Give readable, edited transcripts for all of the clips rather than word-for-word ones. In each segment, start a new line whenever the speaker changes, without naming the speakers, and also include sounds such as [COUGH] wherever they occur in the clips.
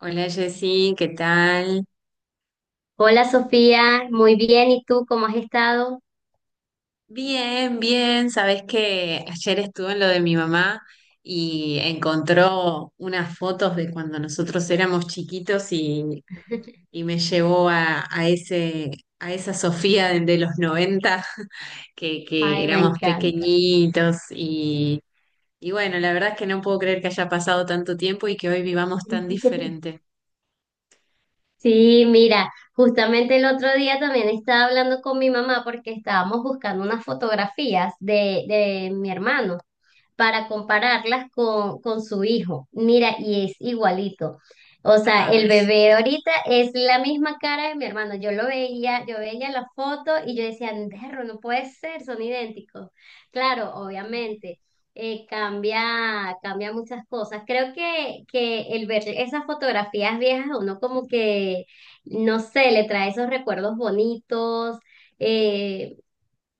Hola Jessy, ¿qué tal?
Hola Sofía, muy bien, ¿y tú cómo has estado?
Bien, bien. Sabes que ayer estuve en lo de mi mamá y encontró unas fotos de cuando nosotros éramos chiquitos y me llevó a esa Sofía de los 90 [LAUGHS] que
Ay, me
éramos
encanta.
pequeñitos y bueno, la verdad es que no puedo creer que haya pasado tanto tiempo y que hoy vivamos tan
[LAUGHS]
diferente.
Sí, mira, justamente el otro día también estaba hablando con mi mamá porque estábamos buscando unas fotografías de mi hermano. Para compararlas con su hijo. Mira, y es igualito. O sea,
Ay.
el bebé de ahorita es la misma cara de mi hermano. Yo lo veía, yo veía la foto y yo decía, perro, no puede ser, son idénticos. Claro, obviamente, cambia muchas cosas. Creo que el ver esas fotografías viejas, a uno como que, no sé, le trae esos recuerdos bonitos. eh,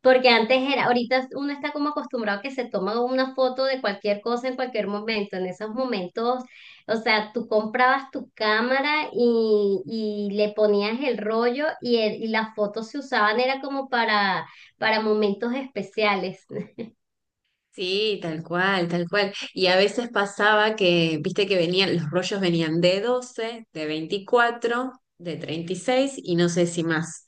Porque antes era, ahorita uno está como acostumbrado a que se toma una foto de cualquier cosa en cualquier momento. En esos momentos, o sea, tú comprabas tu cámara y le ponías el rollo y, y las fotos se usaban, era como para momentos especiales. [LAUGHS]
Sí, tal cual, tal cual. Y a veces pasaba que, viste que venían, los rollos venían de 12, de 24, de 36 y no sé si más.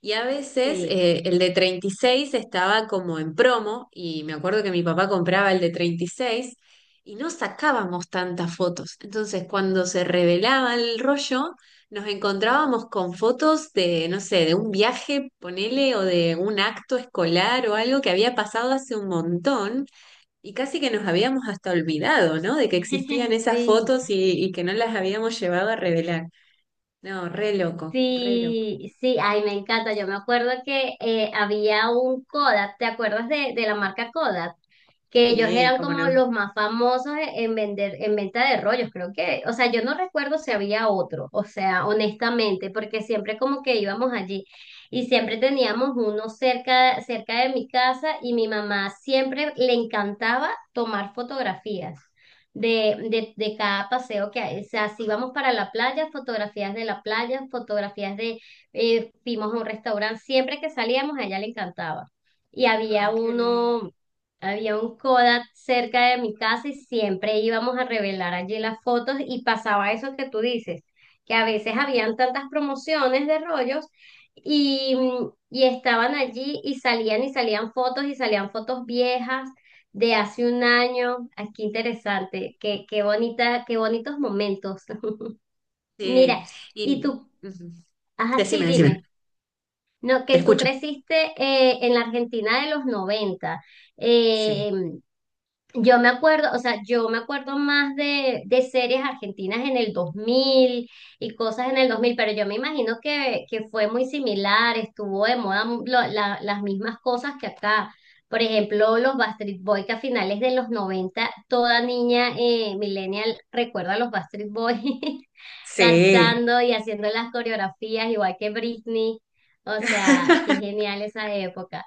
Y a veces
Sí.
el de 36 estaba como en promo y me acuerdo que mi papá compraba el de 36 y no sacábamos tantas fotos. Entonces cuando se revelaba el rollo, nos encontrábamos con fotos de, no sé, de un viaje, ponele, o de un acto escolar o algo que había pasado hace un montón. Y casi que nos habíamos hasta olvidado, ¿no? De que existían
[LAUGHS]
esas
Sí.
fotos y que no las habíamos llevado a revelar. No, re loco, re loco.
Sí, sí, ay, me encanta. Yo me acuerdo que había un Kodak, ¿te acuerdas de la marca Kodak? Que ellos
Sí,
eran
cómo
como
no.
los más famosos en vender, en venta de rollos, creo que. O sea, yo no recuerdo si había otro, o sea, honestamente, porque siempre como que íbamos allí y siempre teníamos uno cerca, cerca de mi casa y mi mamá siempre le encantaba tomar fotografías de cada paseo que hay. O sea, si vamos para la playa, fotografías de la playa, fotografías de, fuimos a un restaurante, siempre que salíamos a ella le encantaba. Y había
Ay, qué lindo.
uno, había un Kodak cerca de mi casa y siempre íbamos a revelar allí las fotos y pasaba eso que tú dices, que a veces habían tantas promociones de rollos. Y, y estaban allí y salían fotos viejas de hace un año. Aquí qué interesante, qué, qué bonita, qué bonitos momentos. [LAUGHS] Mira,
Sí,
y
y
tú,
ujú.
ajá, sí,
Decime, decime,
dime, no,
te
que tú
escucho.
creciste en la Argentina de los 90.
Sí,
eh, yo me acuerdo, o sea, yo me acuerdo más de series argentinas en el 2000 y cosas en el 2000, pero yo me imagino que fue muy similar, estuvo de moda las mismas cosas que acá. Por ejemplo, los Backstreet Boys que a finales de los 90, toda niña millennial recuerda a los Backstreet Boys [LAUGHS]
sí.
cantando y haciendo las coreografías, igual que Britney. O sea, qué
[LAUGHS]
genial esa época.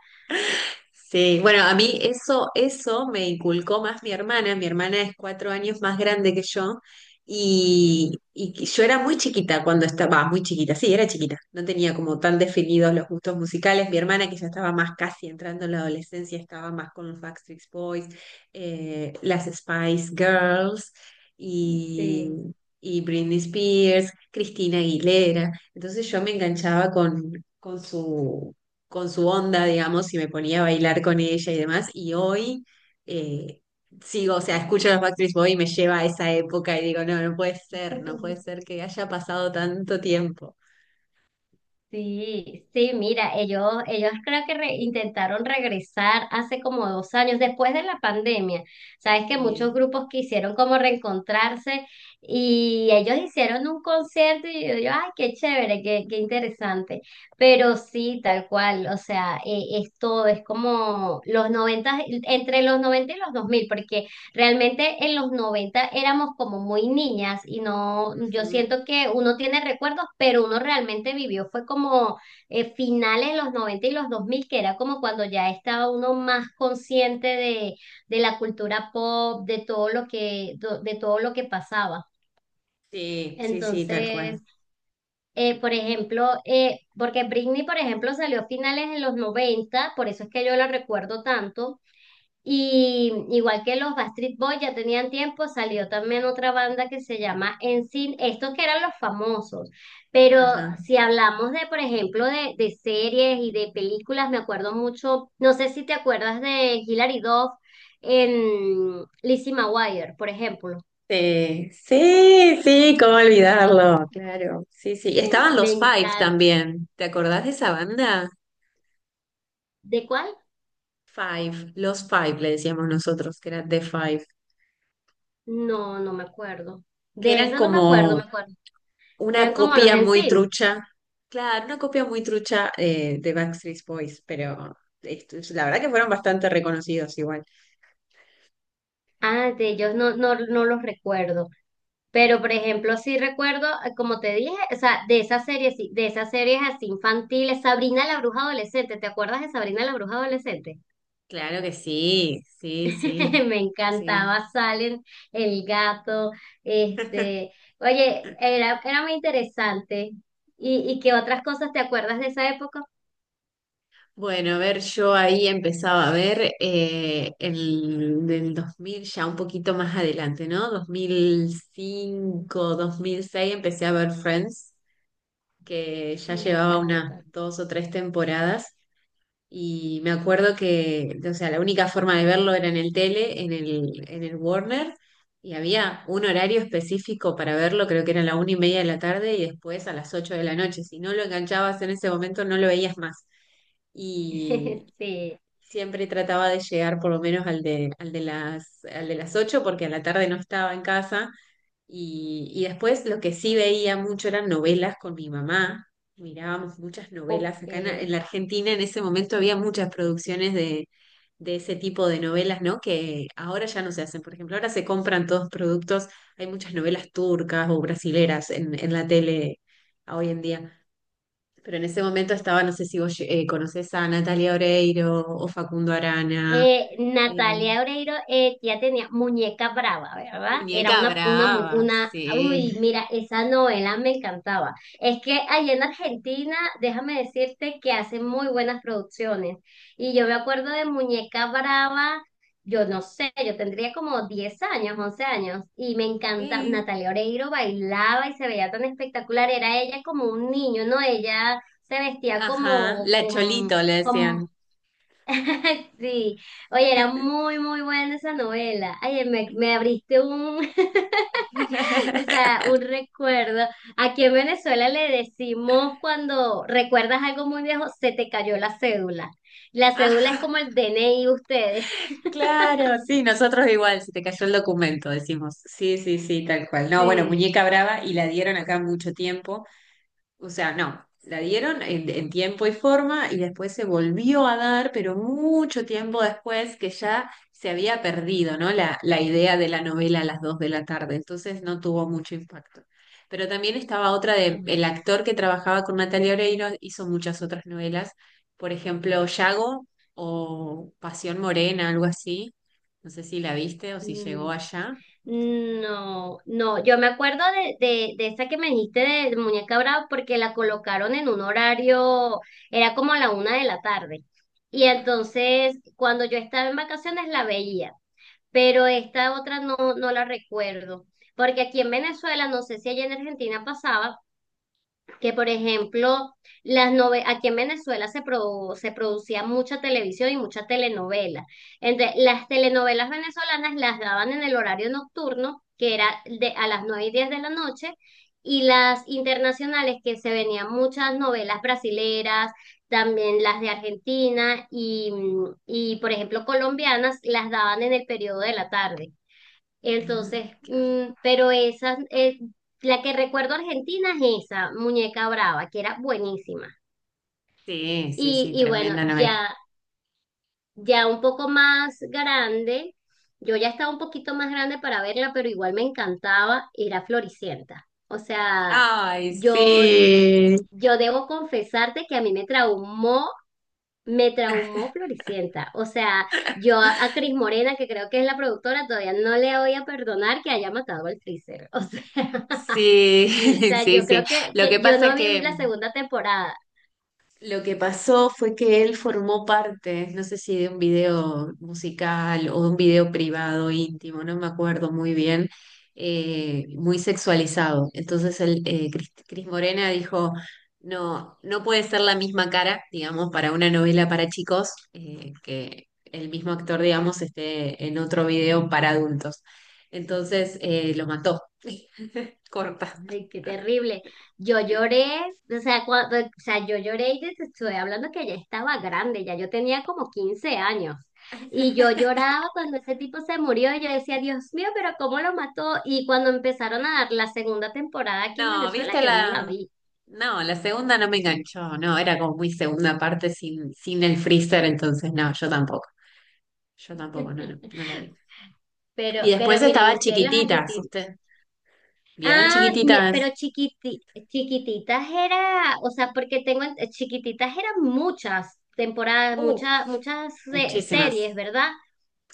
Sí, bueno, a mí eso me inculcó más mi hermana. Mi hermana es 4 años más grande que yo y yo era muy chiquita cuando estaba, muy chiquita, sí, era chiquita. No tenía como tan definidos los gustos musicales. Mi hermana, que ya estaba más casi entrando en la adolescencia, estaba más con los Backstreet Boys, las Spice Girls y,
Sí.
y Britney Spears, Cristina Aguilera. Entonces yo me enganchaba con su con su onda, digamos, y me ponía a bailar con ella y demás. Y hoy eh, sigo, o sea, escucho a los Backstreet Boys y me lleva a esa época y digo, no, no puede ser, no puede
[LAUGHS]
ser que haya pasado tanto tiempo.
Sí, sí, mira, ellos creo que intentaron regresar hace como dos años, después de la pandemia. Sabes que
Eh,
muchos grupos quisieron como reencontrarse y ellos hicieron un concierto y yo, ay, qué chévere, qué, qué interesante. Pero sí, tal cual, o sea, es todo, es como los 90 entre los 90 y los 2000 porque realmente en los 90 éramos como muy niñas y no, yo
ujú.
siento que uno tiene recuerdos, pero uno realmente vivió, fue como finales de los 90 y los 2000 que era como cuando ya estaba uno más consciente de la cultura pop, de todo lo que, de todo lo que pasaba.
Sí, sí, sí, tal cual.
Entonces, por ejemplo, porque Britney, por ejemplo, salió a finales de los 90 por eso es que yo la recuerdo tanto y igual que los Backstreet Boys ya tenían tiempo, salió también otra banda que se llama Sin estos que eran los famosos. Pero
Ajá.
si hablamos de, por ejemplo, de series y de películas, me acuerdo mucho, no sé si te acuerdas de Hilary Duff en Lizzie McGuire, por ejemplo.
Sí, sí, sí, cómo olvidarlo, claro. Sí, sí. Estaban
Me
los Five
encanta.
también. ¿Te acordás de esa banda?
¿De cuál?
Five, los Five le decíamos nosotros, que era The Five,
No, no me acuerdo.
que
De
eran
esa no me acuerdo, me
como
acuerdo.
una
Eran como los
copia muy
Sin.
trucha, claro, una copia muy trucha de Backstreet Boys, pero la verdad que fueron bastante reconocidos igual.
Ah, de ellos no, no, no los recuerdo. Pero, por ejemplo, sí recuerdo, como te dije, o sea, de esas series, sí, de esas series así infantiles, Sabrina la Bruja Adolescente, ¿te acuerdas de Sabrina la Bruja Adolescente?
Claro que sí, sí, sí,
[LAUGHS] Me
sí.
encantaba Salem, el gato, este, oye, era, era muy interesante. Y qué otras cosas te acuerdas de esa época?
Bueno, a ver, yo ahí empezaba a ver el del 2000 ya un poquito más adelante, ¿no? Dos mil cinco, 2006, empecé a ver Friends, que ya
Me
llevaba unas
encanta.
dos o tres temporadas. Y me acuerdo que, o sea, la única forma de verlo era en el tele, en el Warner, y había un horario específico para verlo, creo que era la 1:30 de la tarde y después a las 8 de la noche. Si no lo enganchabas en ese momento, no lo veías más. Y
[LAUGHS] Sí,
siempre trataba de llegar por lo menos al de las 8, porque a la tarde no estaba en casa y después lo que sí veía mucho eran novelas con mi mamá. Mirábamos muchas novelas.
ok.
Acá en la Argentina en ese momento había muchas producciones de ese tipo de novelas, ¿no? Que ahora ya no se hacen. Por ejemplo, ahora se compran todos productos. Hay muchas novelas turcas o brasileras en la tele hoy en día. Pero en ese momento estaba, no sé si vos conocés a Natalia Oreiro o Facundo Arana, eh,
Natalia Oreiro ya tenía Muñeca Brava, ¿verdad? Era
Muñeca
una,
Brava,
una,
sí.
uy, mira, esa novela me encantaba. Es que allá en Argentina, déjame decirte que hacen muy buenas producciones. Y yo me acuerdo de Muñeca Brava, yo no sé, yo tendría como 10 años, 11 años, y me encanta,
Sí,
Natalia Oreiro bailaba y se veía tan espectacular, era ella como un niño, ¿no? Ella se vestía
ajá,
como,
la
como
Cholito le decían.
[LAUGHS] sí, oye, era muy, muy buena esa novela. Ay, me abriste un, [LAUGHS] o
[LAUGHS]
sea, un recuerdo. Aquí en Venezuela le decimos cuando recuerdas algo muy viejo, se te cayó la cédula. La cédula es
Ajá,
como el DNI de ustedes. [LAUGHS]
claro, sí, nosotros igual, se te cayó el documento, decimos. Sí, sí, sí, tal cual. No, bueno,
Sí.
Muñeca Brava y la dieron acá mucho tiempo. O sea, no, la dieron en tiempo y forma y después se volvió a dar, pero mucho tiempo después que ya se había perdido, ¿no? La idea de la novela a las 2 de la tarde, entonces no tuvo mucho impacto. Pero también estaba
Ah,
el
bueno.
actor que trabajaba con Natalia Oreiro hizo muchas otras novelas, por ejemplo, Yago o Pasión Morena, algo así. No sé si la viste o si llegó
Mm.
allá.
No, no, yo me acuerdo de esa que me dijiste de Muñeca Brava porque la colocaron en un horario, era como a la una de la tarde. Y entonces, cuando yo estaba en vacaciones la veía, pero esta otra no, no la recuerdo. Porque aquí en Venezuela, no sé si allá en Argentina pasaba, que por ejemplo, aquí en Venezuela se, se producía mucha televisión y mucha telenovela. Entonces, las telenovelas venezolanas las daban en el horario nocturno, que era de a las 9 y 10 de la noche, y las internacionales, que se venían muchas novelas brasileras, también las de Argentina y por ejemplo, colombianas, las daban en el periodo de la tarde.
Ah,
Entonces,
claro.
mm, pero esa, la que recuerdo argentina es esa, Muñeca Brava, que era buenísima.
Sí, sí, sí,
Y bueno,
tremenda novela.
ya, ya un poco más grande, yo ya estaba un poquito más grande para verla, pero igual me encantaba, era Floricienta. O sea,
Ay,
yo,
sí.
yo debo confesarte que a mí me traumó Floricienta. O sea, yo a Cris Morena, que creo que es la productora, todavía no le voy a perdonar que haya matado al Freezer. [LAUGHS] O sea.
Sí,
[LAUGHS] O
[LAUGHS]
sea,
sí,
yo
sí.
creo que,
Lo que
que yo
pasa es
no vi
que
la segunda temporada.
lo que pasó fue que él formó parte, no sé si de un video musical o de un video privado íntimo, no me acuerdo muy bien, muy sexualizado. Entonces Cris Morena dijo, no, no puede ser la misma cara, digamos, para una novela para chicos, que el mismo actor, digamos, esté en otro video para adultos. Entonces lo mató, [LAUGHS] corta.
Ay, qué terrible. Yo lloré, o sea, cuando, o sea, yo lloré y te estoy hablando que ya estaba grande, ya yo tenía como 15 años. Y yo
[LAUGHS]
lloraba cuando ese tipo se murió y yo decía, Dios mío, pero ¿cómo lo mató? Y cuando empezaron a dar la segunda temporada aquí en
No,
Venezuela,
viste
yo no
la.
la vi.
No, la segunda no me enganchó. No, era como muy segunda parte sin el freezer, entonces no, yo tampoco. Yo tampoco, no, no,
[LAUGHS]
no la vi. Y después
Pero mira, y
estaba
ustedes los
Chiquititas,
argentinos.
¿usted? ¿Vieron
Ah,
Chiquititas?
pero chiquititas era, o sea, porque tengo chiquititas eran muchas temporadas,
Uf,
muchas, muchas
muchísimas.
series, ¿verdad?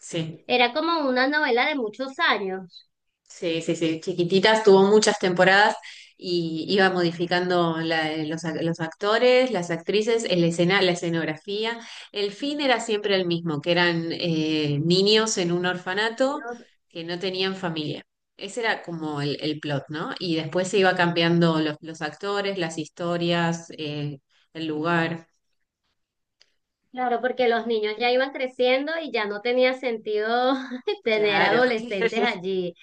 Sí.
Era como una novela de muchos años.
Sí, sí, sí, chiquititas, tuvo muchas temporadas y iba modificando los actores, las actrices, el escena, la escenografía. El fin era siempre el mismo, que eran niños en un orfanato
Dios,
que no tenían familia. Ese era como el plot, ¿no? Y después se iba cambiando los actores, las historias, el lugar.
claro, porque los niños ya iban creciendo y ya no tenía sentido [LAUGHS] tener
Claro,
adolescentes
[LAUGHS]
allí.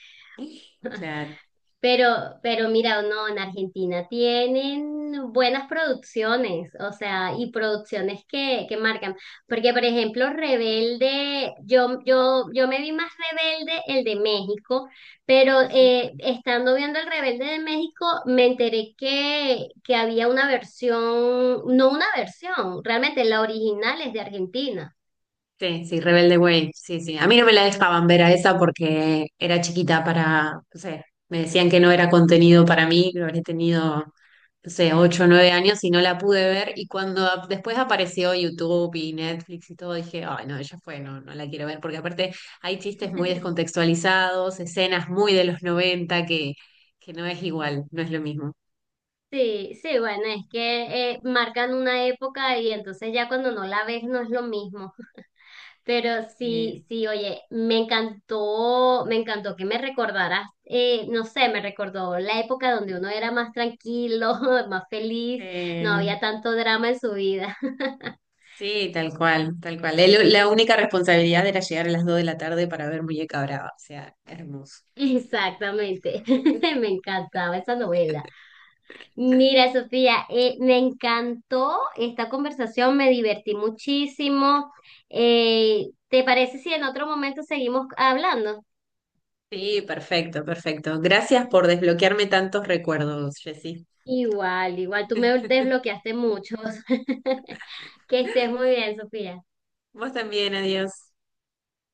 claro.
Pero mira, no, en Argentina tienen buenas producciones, o sea, y producciones que marcan. Porque, por ejemplo, Rebelde, yo me vi más Rebelde el de México, pero estando viendo el Rebelde de México, me enteré que había una versión, no una versión, realmente la original es de Argentina.
Sí, sí, Rebelde Way, sí, sí. A mí no me la dejaban ver a
Sí.
esa porque era chiquita para, no sé, me decían que no era contenido para mí, lo habré tenido, no sé, 8 o 9 años y no la pude ver. Y cuando después apareció YouTube y Netflix y todo, dije, ay, no, ya fue, no, no la quiero ver, porque aparte hay chistes muy
[LAUGHS]
descontextualizados, escenas muy de los 90 que no es igual, no es lo mismo.
Sí, sí, bueno, es que marcan una época y entonces ya cuando no la ves no es lo mismo. Pero
Sí.
sí, sí, oye, me encantó que me recordaras, no sé, me recordó la época donde uno era más tranquilo, [LAUGHS] más feliz, no había tanto drama en su vida. [LAUGHS]
Sí, tal cual, tal cual. La única responsabilidad era llegar a las 2 de la tarde para ver Muñeca Brava, o sea, hermoso.
Exactamente, [LAUGHS] me encantaba esa novela. Mira, Sofía, me encantó esta conversación, me divertí muchísimo. ¿te parece si en otro momento seguimos hablando?
Sí, perfecto, perfecto. Gracias por desbloquearme tantos recuerdos, Jessy.
Igual, igual, tú me desbloqueaste muchos. [LAUGHS] Que estés muy bien, Sofía.
Vos también, adiós.